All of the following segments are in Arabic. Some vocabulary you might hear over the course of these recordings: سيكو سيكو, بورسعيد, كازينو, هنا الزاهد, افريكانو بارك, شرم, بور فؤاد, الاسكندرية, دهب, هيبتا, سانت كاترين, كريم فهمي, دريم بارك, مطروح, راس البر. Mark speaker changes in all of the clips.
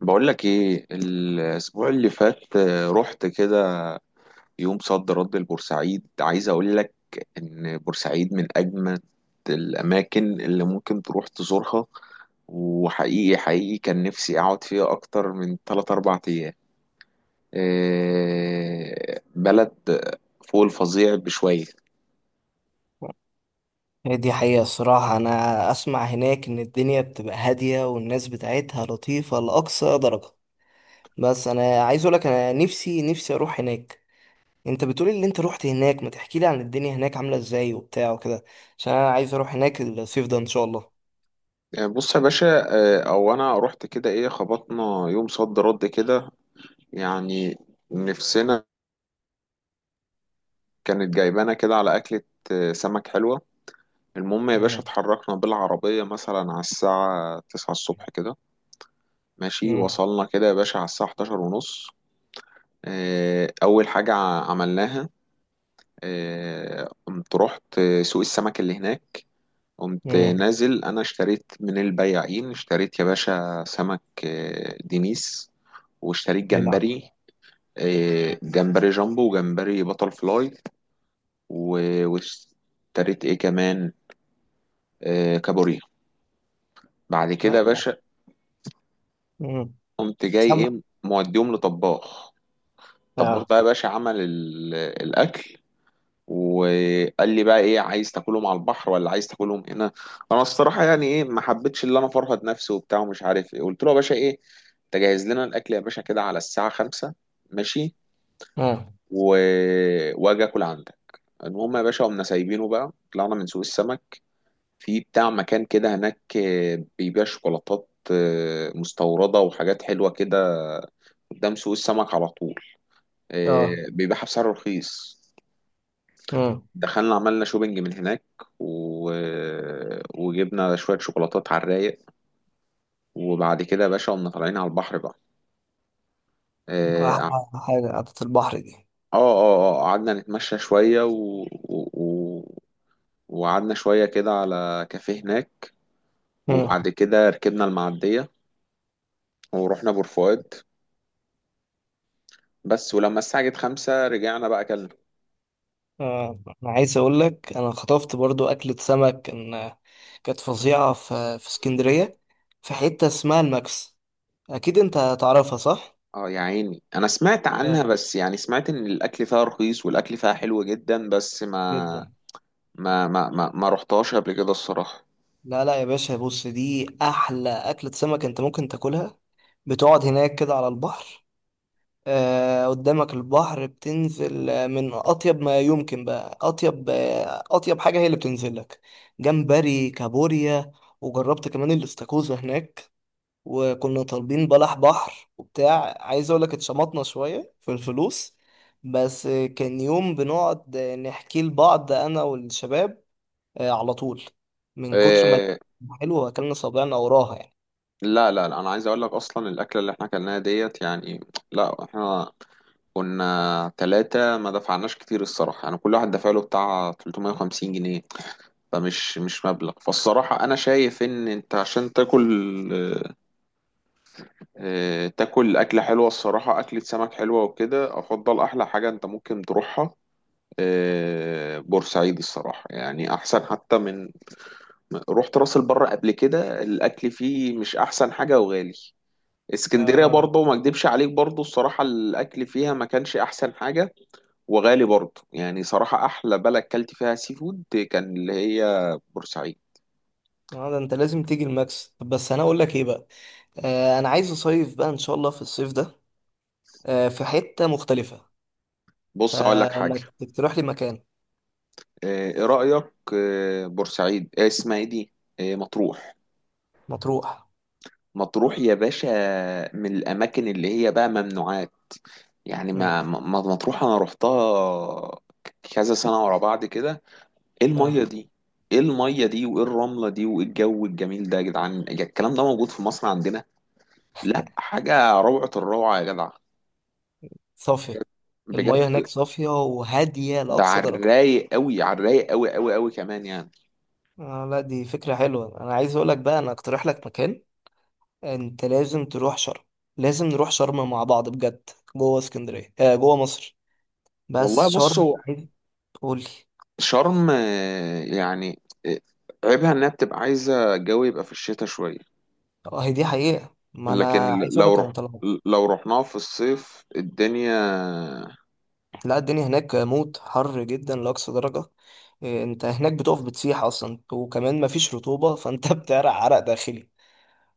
Speaker 1: بقول لك ايه الاسبوع اللي فات، رحت كده يوم صد رد لبورسعيد. عايز اقول لك ان بورسعيد من اجمد الاماكن اللي ممكن تروح تزورها، وحقيقي حقيقي كان نفسي اقعد فيها اكتر من 3 4 ايام. بلد فوق الفظيع بشوية.
Speaker 2: هي دي حقيقة الصراحة. أنا أسمع هناك إن الدنيا بتبقى هادية والناس بتاعتها لطيفة لأقصى درجة. بس أنا عايز أقولك، أنا نفسي أروح هناك. أنت بتقولي اللي أنت روحت هناك، ما تحكيلي عن الدنيا هناك عاملة إزاي وبتاع وكده؟ عشان أنا عايز أروح هناك الصيف ده إن شاء الله.
Speaker 1: بص يا باشا، او انا رحت كده، ايه، خبطنا يوم صد رد كده يعني. نفسنا كانت جايبانا كده على اكلة سمك حلوة. المهم يا باشا،
Speaker 2: مم.
Speaker 1: اتحركنا بالعربية مثلا على الساعة تسعة الصبح كده. ماشي،
Speaker 2: مم.
Speaker 1: وصلنا كده يا باشا على الساعة حداشر ونص. اه، أول حاجة عملناها، اه، قمت رحت سوق السمك اللي هناك. قمت
Speaker 2: مم.
Speaker 1: نازل، أنا اشتريت من البياعين، اشتريت يا باشا سمك، دينيس، واشتريت
Speaker 2: هيلعب.
Speaker 1: جمبري، اه، جمبري جامبو وجمبري بطل فلاي. واشتريت ايه كمان، اه، كابوريا. بعد كده
Speaker 2: لا
Speaker 1: يا
Speaker 2: لا.
Speaker 1: باشا،
Speaker 2: مم.
Speaker 1: قمت جاي
Speaker 2: سمع.
Speaker 1: ايه موديهم لطباخ. الطباخ
Speaker 2: آه.
Speaker 1: بقى يا باشا عمل الاكل، وقال لي بقى: ايه، عايز تاكلهم على البحر ولا عايز تاكلهم هنا؟ انا الصراحه يعني ايه، ما حبيتش اللي انا فرهد نفسي وبتاع ومش عارف ايه، قلت له يا باشا: ايه، تجهز لنا الاكل يا باشا كده على الساعه خمسة. ماشي.
Speaker 2: آه.
Speaker 1: و... واجي اكل عندك. المهم يا باشا، قمنا سايبينه بقى، طلعنا من سوق السمك. في بتاع مكان كده هناك بيبيع شوكولاتات مستورده وحاجات حلوه كده، قدام سوق السمك على طول.
Speaker 2: آه.
Speaker 1: بيبيعها بسعر رخيص.
Speaker 2: مم.
Speaker 1: دخلنا، عملنا شوبينج من هناك، و... وجبنا شوية شوكولاتات على الرايق. وبعد كده يا باشا قمنا طالعين على البحر بقى. اه اه
Speaker 2: أحلى حاجة قعدة البحر دي.
Speaker 1: قعدنا نتمشى شوية، وقعدنا شوية كده على كافيه هناك.
Speaker 2: مم.
Speaker 1: وبعد كده ركبنا المعدية ورحنا بور فؤاد. بس ولما الساعة جت خمسة رجعنا بقى أكلنا.
Speaker 2: آه. أنا عايز أقولك، أنا خطفت برضو أكلة سمك كانت فظيعة في اسكندرية. في حتة اسمها الماكس، أكيد أنت تعرفها، صح؟
Speaker 1: اه يا عيني، أنا سمعت
Speaker 2: اه،
Speaker 1: عنها، بس يعني سمعت إن الأكل فيها رخيص والأكل فيها حلو جدا، بس ما
Speaker 2: جدا.
Speaker 1: ما ما ما ما رحتهاش قبل كده الصراحة.
Speaker 2: لا لا يا باشا، بص، دي أحلى أكلة سمك أنت ممكن تاكلها. بتقعد هناك كده على البحر، آه قدامك البحر، بتنزل من أطيب ما يمكن، بقى أطيب أطيب حاجة هي اللي بتنزل لك. جمبري، كابوريا. وجربت كمان الاستاكوزا هناك. وكنا طالبين بلح بحر وبتاع، عايز اقول لك اتشمطنا شوية في الفلوس. بس كان يوم بنقعد نحكي لبعض انا والشباب على طول، من كتر ما الأكل
Speaker 1: إيه.
Speaker 2: حلو واكلنا صابعنا وراها يعني.
Speaker 1: لا لا لا، انا عايز اقول لك، اصلا الاكله اللي احنا اكلناها ديت يعني، لا احنا كنا ثلاثة، ما دفعناش كتير الصراحة يعني. كل واحد دفع له بتاع 350 جنيه، فمش مش مبلغ. فالصراحة انا شايف ان انت عشان تاكل، إيه، تاكل اكلة حلوة الصراحة، اكلة سمك حلوة وكده، افضل احلى حاجة انت ممكن تروحها، إيه، بورسعيد الصراحة يعني، احسن حتى من، رحت راس البر قبل كده الاكل فيه مش احسن حاجه وغالي. اسكندريه
Speaker 2: اه.
Speaker 1: برضه، ما اكدبش عليك برضه الصراحه، الاكل فيها ما كانش احسن حاجه وغالي برضه يعني. صراحه احلى بلد كلت فيها سي فود كان اللي هي بورسعيد.
Speaker 2: آه، ده انت لازم تيجي الماكس. طب بس انا اقول لك ايه بقى. آه، انا عايز اصيف بقى ان شاء الله في الصيف ده، آه في حتة مختلفة.
Speaker 1: بص اقول لك حاجه،
Speaker 2: فما تقترح لي مكان؟
Speaker 1: ايه رايك، بورسعيد، اسمها ايه دي، مطروح.
Speaker 2: مطروح.
Speaker 1: مطروح يا باشا من الاماكن اللي هي بقى ممنوعات يعني.
Speaker 2: امم.
Speaker 1: مطروح انا رحتها كذا سنه ورا بعض كده. ايه الميه
Speaker 2: اه.
Speaker 1: دي، ايه الميه دي وايه الرمله دي وايه الجو الجميل ده يا جدعان! يا الكلام ده موجود في مصر عندنا؟ لا، حاجه روعه الروعه يا جدع،
Speaker 2: صافية. المياه
Speaker 1: بجد.
Speaker 2: هناك صافية وهادية
Speaker 1: ده
Speaker 2: لأقصى
Speaker 1: على
Speaker 2: درجة.
Speaker 1: الرايق قوي، على الرايق قوي قوي قوي كمان يعني.
Speaker 2: آه، لا دي فكرة حلوة. أنا عايز أقولك بقى، أنا أقترح لك مكان. أنت لازم تروح شرم. لازم نروح شرم مع بعض بجد. جوه اسكندرية، آه جوه مصر. بس
Speaker 1: والله
Speaker 2: شرم
Speaker 1: بصوا،
Speaker 2: عايز تقولي.
Speaker 1: شرم، عيبها انها بتبقى عايزه الجو يبقى في الشتاء شويه.
Speaker 2: اه، هي دي حقيقة. ما
Speaker 1: لكن
Speaker 2: أنا عايز
Speaker 1: لو
Speaker 2: أقولك أنا
Speaker 1: رحت،
Speaker 2: طلعت.
Speaker 1: لو رحناها في الصيف، الدنيا،
Speaker 2: لا، الدنيا هناك موت، حر جدا لأقصى درجة. آه، أنت هناك بتقف بتسيح أصلا، وكمان مفيش رطوبة، فأنت بتعرق عرق داخلي.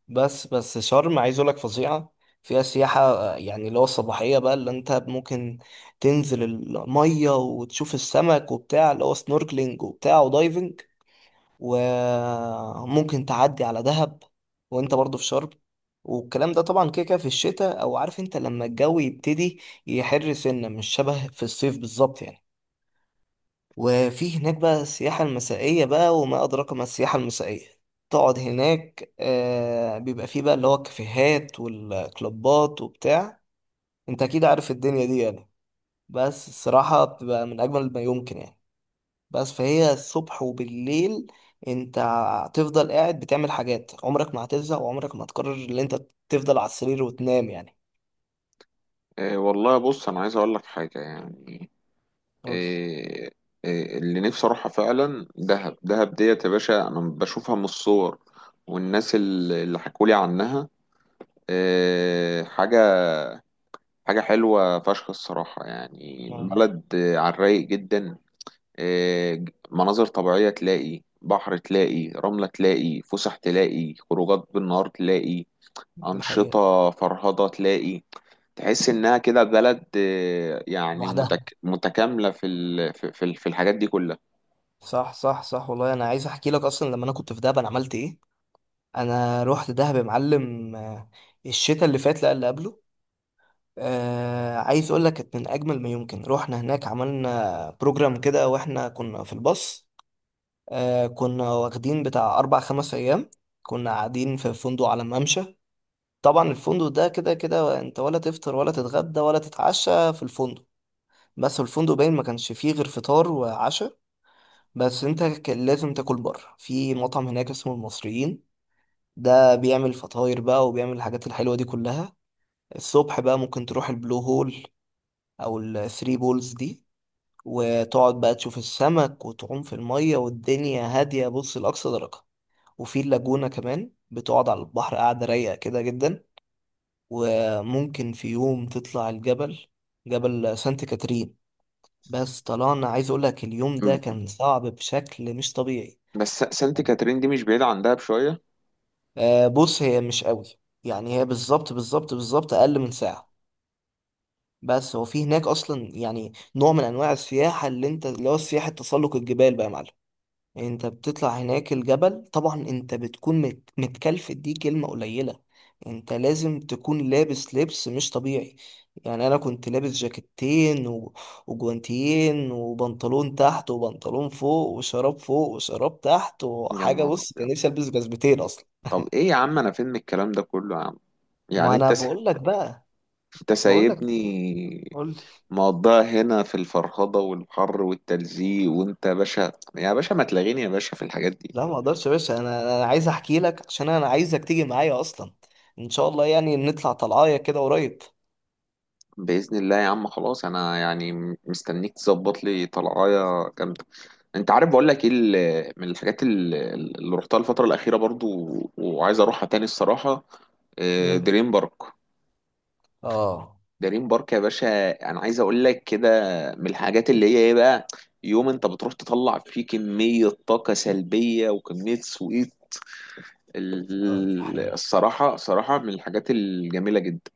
Speaker 2: بس شرم، عايز اقول لك فظيعه. فيها سياحه، آه، يعني اللي هو الصباحيه بقى، اللي انت ممكن تنزل الميه وتشوف السمك وبتاع، اللي هو سنوركلينج وبتاع ودايفنج. وممكن تعدي على دهب وانت برضو في شرم. والكلام ده طبعا كده كده في الشتاء، او عارف انت لما الجو يبتدي يحر سنه، مش شبه في الصيف بالظبط يعني. وفي هناك بقى السياحة المسائية بقى، وما أدراك ما السياحة المسائية. تقعد هناك آه، بيبقى فيه بقى اللي هو الكافيهات والكلوبات وبتاع. انت أكيد عارف الدنيا دي يعني. بس الصراحة بتبقى من أجمل ما يمكن يعني. بس فهي الصبح وبالليل انت هتفضل قاعد بتعمل حاجات، عمرك ما هتزهق، وعمرك ما هتقرر ان انت تفضل على السرير وتنام يعني.
Speaker 1: والله بص انا عايز اقول لك حاجه يعني.
Speaker 2: قول.
Speaker 1: إيه، إيه اللي نفسي اروحها فعلا؟ دهب. دهب ديت يا باشا انا بشوفها من الصور والناس اللي حكولي عنها، إيه، حاجة حلوة فشخ الصراحة يعني.
Speaker 2: اه،
Speaker 1: بلد على الرايق جدا، إيه، مناظر طبيعية، تلاقي بحر، تلاقي رملة، تلاقي فسح، تلاقي خروجات بالنهار، تلاقي
Speaker 2: دي حقيقة.
Speaker 1: أنشطة فرهضة، تلاقي، تحس إنها كده بلد يعني
Speaker 2: لوحدها.
Speaker 1: متكاملة في في الحاجات دي كلها.
Speaker 2: صح صح صح، والله انا عايز احكي لك. اصلا لما انا كنت في دهب انا عملت ايه؟ انا رحت دهب يا معلم، آه، الشتاء اللي فات، لا اللي قبله. آه، عايز اقول لك، كانت من اجمل ما يمكن. رحنا هناك عملنا بروجرام كده واحنا كنا في الباص. آه، كنا واخدين بتاع اربع خمس ايام. كنا قاعدين في فندق على ممشى. طبعا الفندق ده كده كده انت ولا تفطر ولا تتغدى ولا تتعشى في الفندق. بس الفندق باين ما كانش فيه غير فطار وعشاء، بس انت كان لازم تاكل بره في مطعم هناك اسمه المصريين. ده بيعمل فطاير بقى وبيعمل الحاجات الحلوة دي كلها. الصبح بقى ممكن تروح البلو هول او الثري بولز دي، وتقعد بقى تشوف السمك وتعوم في المية والدنيا هادية، بص، لأقصى درجة. وفي اللاجونة كمان بتقعد على البحر، قاعدة رايقة كده جدا. وممكن في يوم تطلع الجبل، جبل سانت كاترين. بس طلعنا، عايز اقولك، اليوم ده كان صعب بشكل مش طبيعي.
Speaker 1: بس سانت كاترين دي مش بعيدة عندها بشوية.
Speaker 2: آه، بص هي مش قوي يعني، هي بالظبط بالظبط بالظبط اقل من ساعة. بس هو في هناك اصلا يعني نوع من انواع السياحه اللي انت، اللي هو سياحه تسلق الجبال بقى يا معلم. انت بتطلع هناك الجبل، طبعا انت بتكون متكلف، دي كلمه قليله. انت لازم تكون لابس لبس مش طبيعي. يعني انا كنت لابس جاكيتين، و... وجوانتيين وبنطلون تحت وبنطلون فوق وشراب فوق وشراب تحت
Speaker 1: يا
Speaker 2: وحاجه،
Speaker 1: نهار
Speaker 2: بص كان
Speaker 1: أبيض!
Speaker 2: نفسي البس جزمتين اصلا.
Speaker 1: طب إيه يا عم، أنا فين من الكلام ده كله يا عم؟
Speaker 2: ما
Speaker 1: يعني
Speaker 2: انا بقول لك بقى،
Speaker 1: أنت
Speaker 2: بقول لك
Speaker 1: سايبني
Speaker 2: قول لي.
Speaker 1: مقضيها هنا في الفرهضة والحر والتلزيق، وأنت يا باشا، يا باشا ما تلاغيني يا باشا في الحاجات دي.
Speaker 2: لا ما اقدرش يا باشا. انا عايز احكي لك، عشان انا عايزك تيجي معايا اصلا. ان شاء الله يعني نطلع طلعايه كده قريب.
Speaker 1: بإذن الله يا عم، خلاص، أنا يعني مستنيك تظبط لي طلعاية جامدة. أنت عارف بقول لك إيه، من الحاجات اللي رحتها الفترة الأخيرة برضو وعايز أروحها تاني الصراحة،
Speaker 2: امم.
Speaker 1: دريم بارك.
Speaker 2: اه.
Speaker 1: دريم بارك يا باشا انا عايز اقول لك كده، من الحاجات اللي هي ايه بقى، يوم انت بتروح تطلع فيه كمية طاقة سلبية وكمية سويت.
Speaker 2: اه، دي حقيقة.
Speaker 1: الصراحة صراحة من الحاجات الجميلة جدا.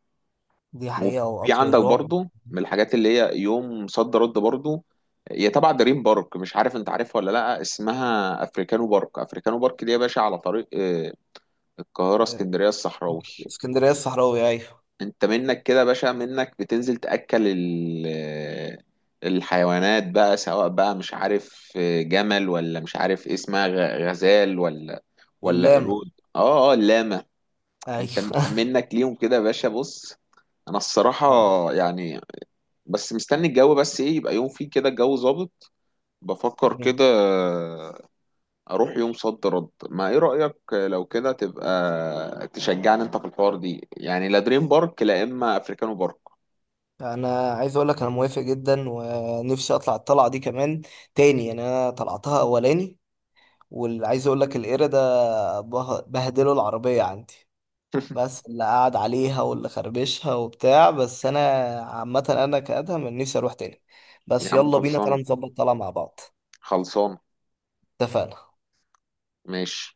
Speaker 2: دي حقيقة
Speaker 1: وفي
Speaker 2: وقطر
Speaker 1: عندك
Speaker 2: الرعب.
Speaker 1: برضو من الحاجات اللي هي يوم صد رد برضو، هي تبع دريم بارك، مش عارف انت عارفها ولا لا، اسمها افريكانو بارك. افريكانو بارك دي يا باشا على طريق القاهرة
Speaker 2: آه،
Speaker 1: اسكندرية الصحراوي.
Speaker 2: اسكندرية الصحراوي، ايوه.
Speaker 1: انت منك كده يا باشا، منك بتنزل تأكل الحيوانات بقى، سواء بقى مش عارف جمل، ولا مش عارف إيه اسمها، غزال، ولا ولا
Speaker 2: اللاما.
Speaker 1: قرود، اللاما. انت
Speaker 2: ايوه
Speaker 1: منك ليهم كده يا باشا، بص. انا الصراحة
Speaker 2: آه.
Speaker 1: يعني بس مستني الجو، بس ايه، يبقى يوم فيه كده الجو ظابط، بفكر
Speaker 2: مم.
Speaker 1: كده اروح يوم صد رد. ما ايه رأيك، لو كده تبقى تشجعني انت في الحوار دي يعني، لا دريم بارك لا اما افريكانو بارك.
Speaker 2: انا عايز اقول لك، انا موافق جدا ونفسي اطلع الطلعة دي كمان تاني يعني. انا طلعتها اولاني، واللي عايز اقول لك القرد ده بهدله العربية عندي. بس اللي قعد عليها واللي خربشها وبتاع، بس انا عامة انا كأدهم إن نفسي اروح تاني. بس
Speaker 1: يا عم
Speaker 2: يلا بينا
Speaker 1: خلصان،
Speaker 2: تعالى نظبط طلعة مع بعض.
Speaker 1: خلصان،
Speaker 2: اتفقنا.
Speaker 1: ماشي.